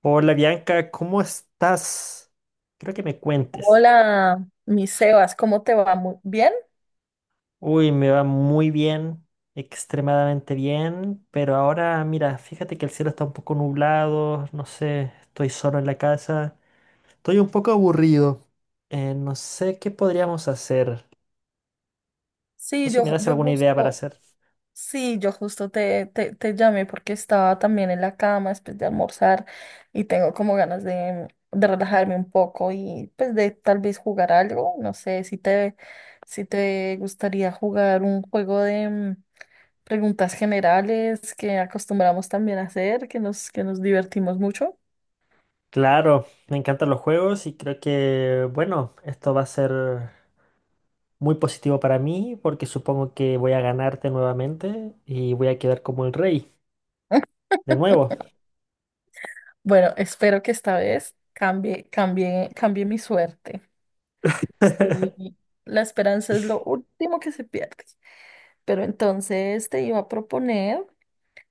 Hola Bianca, ¿cómo estás? Creo que me cuentes. Hola, mi Sebas, ¿cómo te va? Muy bien. Uy, me va muy bien, extremadamente bien, pero ahora mira, fíjate que el cielo está un poco nublado, no sé, estoy solo en la casa, estoy un poco aburrido. No sé qué podríamos hacer, o si me das Yo alguna idea para justo, hacer. sí, yo justo te llamé porque estaba también en la cama después de almorzar y tengo como ganas de relajarme un poco y pues de tal vez jugar algo. No sé si te, si te gustaría jugar un juego de, preguntas generales que acostumbramos también a hacer, que que nos divertimos mucho. Claro, me encantan los juegos y creo que, bueno, esto va a ser muy positivo para mí porque supongo que voy a ganarte nuevamente y voy a quedar como el rey, de nuevo. Bueno, espero que esta vez cambie mi suerte. Soy- la esperanza es lo último que se pierde. Pero entonces te iba a proponer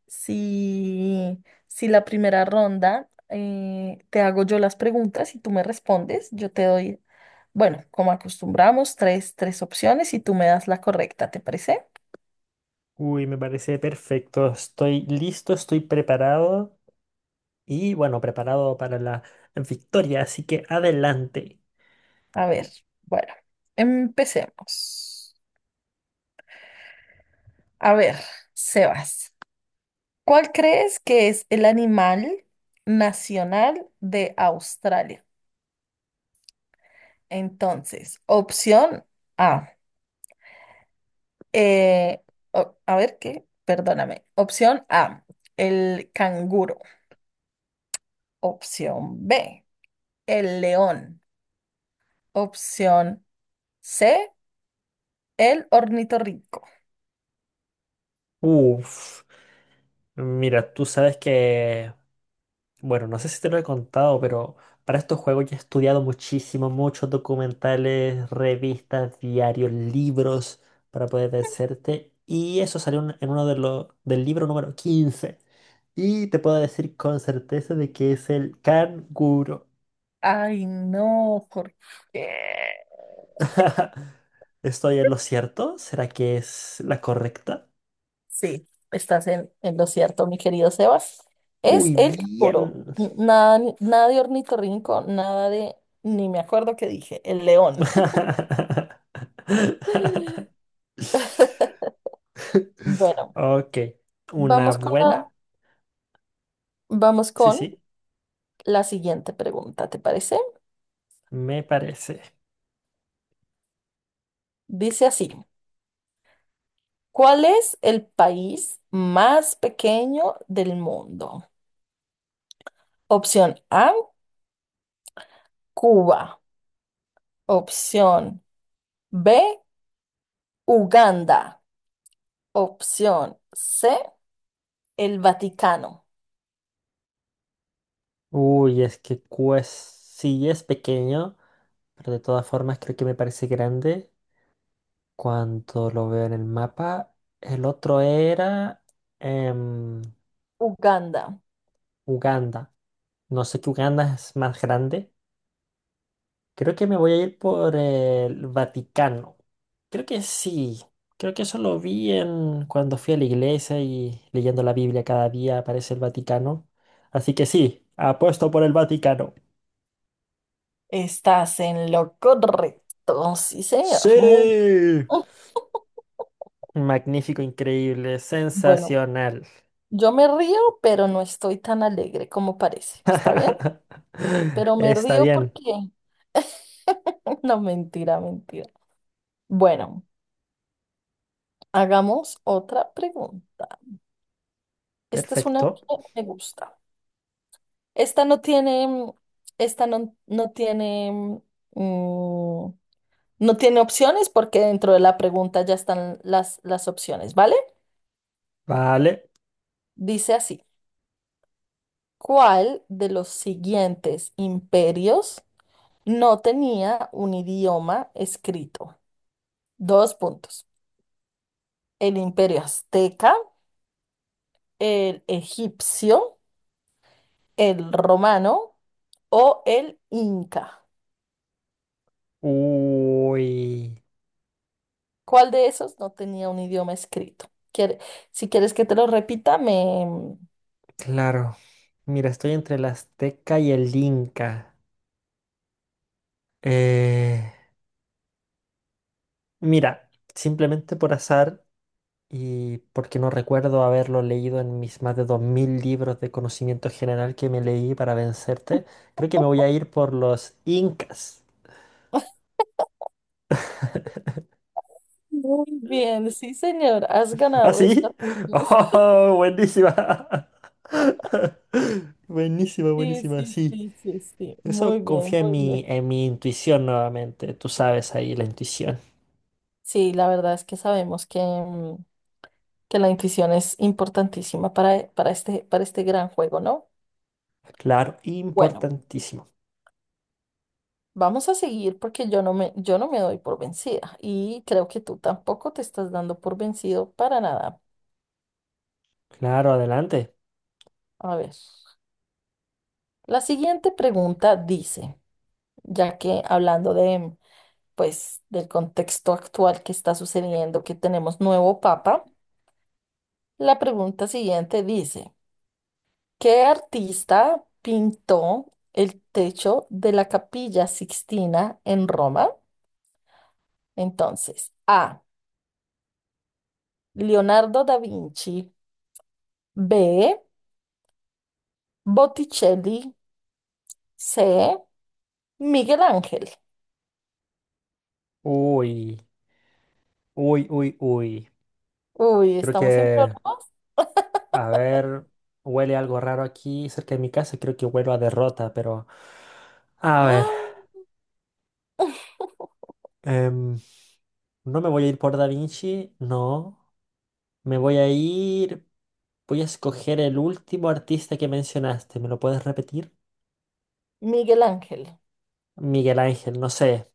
si, si la primera ronda te hago yo las preguntas y tú me respondes, yo te doy, bueno, como acostumbramos, tres opciones y tú me das la correcta, ¿te parece? Uy, me parece perfecto. Estoy listo, estoy preparado y, bueno, preparado para la victoria, así que adelante. A ver, bueno, empecemos. A ver, Sebas, ¿cuál crees que es el animal nacional de Australia? Entonces, opción A. Eh, Perdóname. Opción A, el canguro. Opción B, el león. Opción C, el ornitorrinco. Uf, mira, tú sabes que, bueno, no sé si te lo he contado, pero para estos juegos yo he estudiado muchísimo, muchos documentales, revistas, diarios, libros para poder vencerte. Y eso salió en uno de los del libro número 15. Y te puedo decir con certeza de que es el canguro. Ay, no, ¿por qué? ¿Estoy en lo cierto? ¿Será que es la correcta? Sí, estás en lo cierto, mi querido Sebas. Es Uy, el canguro. bien. Nada, nada de ornitorrinco, nada de, ni me acuerdo qué dije, el león. Bueno, Ok, una vamos con la, buena. vamos Sí, con sí, la siguiente pregunta, ¿te parece? me parece. Dice así, ¿cuál es el país más pequeño del mundo? Opción A, Cuba. Opción B, Uganda. Opción C, el Vaticano. Uy, es que pues sí es pequeño, pero de todas formas creo que me parece grande cuando lo veo en el mapa. El otro era em, Uganda. Uganda. No sé, que Uganda es más grande. Creo que me voy a ir por el Vaticano. Creo que sí. Creo que eso lo vi en cuando fui a la iglesia, y leyendo la Biblia cada día aparece el Vaticano. Así que sí, apuesto por el Vaticano. Estás en lo correcto. Sí, señor. Muy... Sí. Mm. Magnífico, increíble, Bueno, sensacional. yo me río, pero no estoy tan alegre como parece. ¿Está bien? Pero me Está río bien, porque... No, mentira, mentira. Bueno, hagamos otra pregunta. Esta es una que perfecto. me gusta. Esta no tiene, esta no, no tiene, mm, no tiene opciones porque dentro de la pregunta ya están las opciones, ¿vale? Vale. Dice así, ¿cuál de los siguientes imperios no tenía un idioma escrito? Dos puntos. El imperio azteca, el egipcio, el romano o el inca. Uy, ¿Cuál de esos no tenía un idioma escrito? Quiere- si quieres que te lo repita, me... claro. Mira, estoy entre el Azteca y el Inca. Eh... Mira, simplemente por azar y porque no recuerdo haberlo leído en mis más de 2.000 libros de conocimiento general que me leí para vencerte, creo que me voy a ir por los incas. Muy bien, sí, señor, has ¿Ah, ganado esta sí? partida. ¡Oh, buenísima! Buenísima, Sí, buenísima, sí, sí. sí, sí, sí, muy Eso, bien, confía muy bien. En mi intuición nuevamente. Tú sabes ahí la intuición. Sí, la verdad es que sabemos que, que la intuición es importantísima para este gran juego, ¿no? Claro, Bueno, importantísimo. vamos a seguir porque yo no me doy por vencida y creo que tú tampoco te estás dando por vencido para nada. Claro, adelante. A ver, la siguiente pregunta dice, ya que hablando de, pues, del contexto actual que está sucediendo, que tenemos nuevo papa, la pregunta siguiente dice, ¿qué artista pintó el techo de la Capilla Sixtina en Roma? Entonces, A, Leonardo da Vinci, B, Botticelli, C, Miguel Ángel. Uy, uy, uy, uy. Uy, Creo ¿estamos en que, problemas? a ver, huele algo raro aquí cerca de mi casa. Creo que huelo a derrota, pero... A ver, ¡Ah! em, no me voy a ir por Da Vinci, no. Me voy a ir... Voy a escoger el último artista que mencionaste. ¿Me lo puedes repetir? Miguel Ángel. Miguel Ángel, no sé.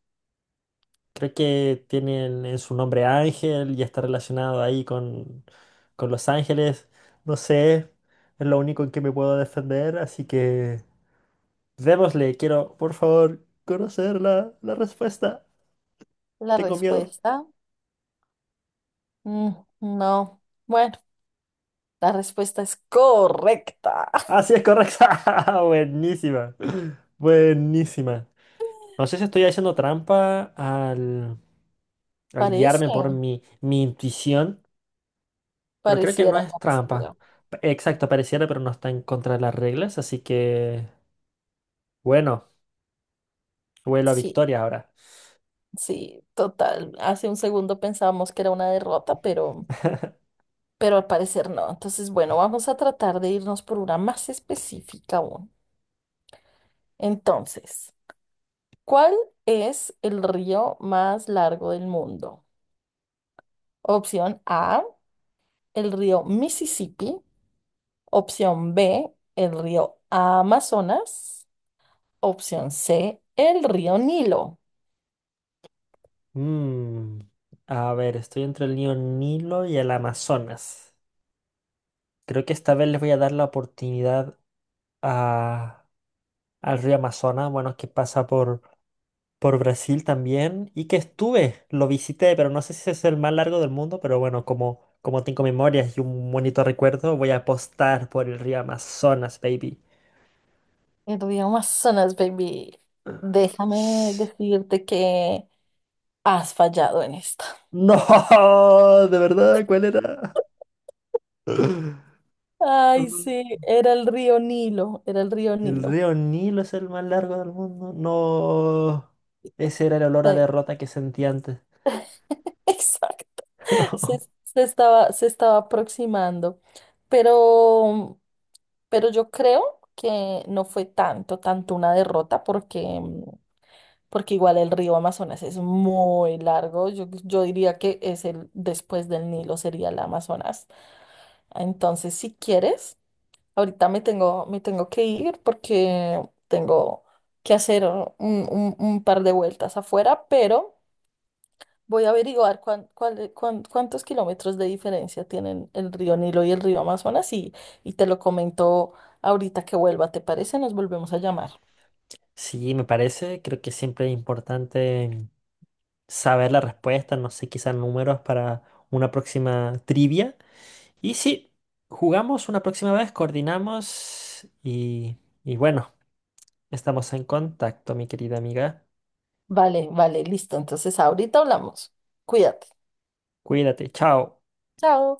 Creo que tiene en su nombre Ángel y está relacionado ahí con Los Ángeles. No sé. Es lo único en que me puedo defender, así que... Démosle, quiero, por favor, conocer la respuesta. La Tengo miedo. respuesta, mm, no. Bueno, la respuesta es correcta. Ah, sí, es correcta. Buenísima. Buenísima. No sé si estoy haciendo trampa al, al Parece, guiarme por mi, mi intuición, pero creo que no es trampa. pareciera. Exacto, pareciera, pero no está en contra de las reglas, así que, bueno, vuelo a Sí, victoria ahora. sí, total. Hace un segundo pensábamos que era una derrota, pero al parecer no. Entonces, bueno, vamos a tratar de irnos por una más específica aún. Entonces, ¿cuál es el río más largo del mundo? Opción A, el río Mississippi. Opción B, el río Amazonas. Opción C, el río Nilo. Mm, a ver, estoy entre el río Nilo y el Amazonas. Creo que esta vez les voy a dar la oportunidad a- al río Amazonas, bueno, que pasa por Brasil también, y que estuve, lo visité, pero no sé si es el más largo del mundo, pero bueno, como, como tengo memorias y un bonito recuerdo, voy a apostar por el río Amazonas, baby. El río Amazonas, baby. Déjame decirte que has fallado en esta. No, de verdad, ¿cuál era? Mm, Ay, sí, era el río Nilo, era el río el Nilo. río Nilo es el más largo del mundo. No, ese era el olor a Eh, derrota que sentí antes. Exacto. Se, se estaba aproximando. Pero, pero yo creo que no fue tanto una derrota porque porque igual el río Amazonas es muy largo. Yo diría que es el después del Nilo sería el Amazonas. Entonces, si quieres, ahorita me tengo que ir porque tengo que hacer un par de vueltas afuera, pero voy a averiguar cuántos kilómetros de diferencia tienen el río Nilo y el río Amazonas y te lo comento ahorita que vuelva, ¿te parece? Nos volvemos a llamar. Sí, me parece, creo que siempre es importante saber la respuesta, no sé, quizás números para una próxima trivia. Y sí, jugamos una próxima vez, coordinamos y bueno, estamos en contacto, mi querida amiga. Vale, vale, listo. Entonces, ahorita hablamos. Cuídate. Cuídate, chao. Chao.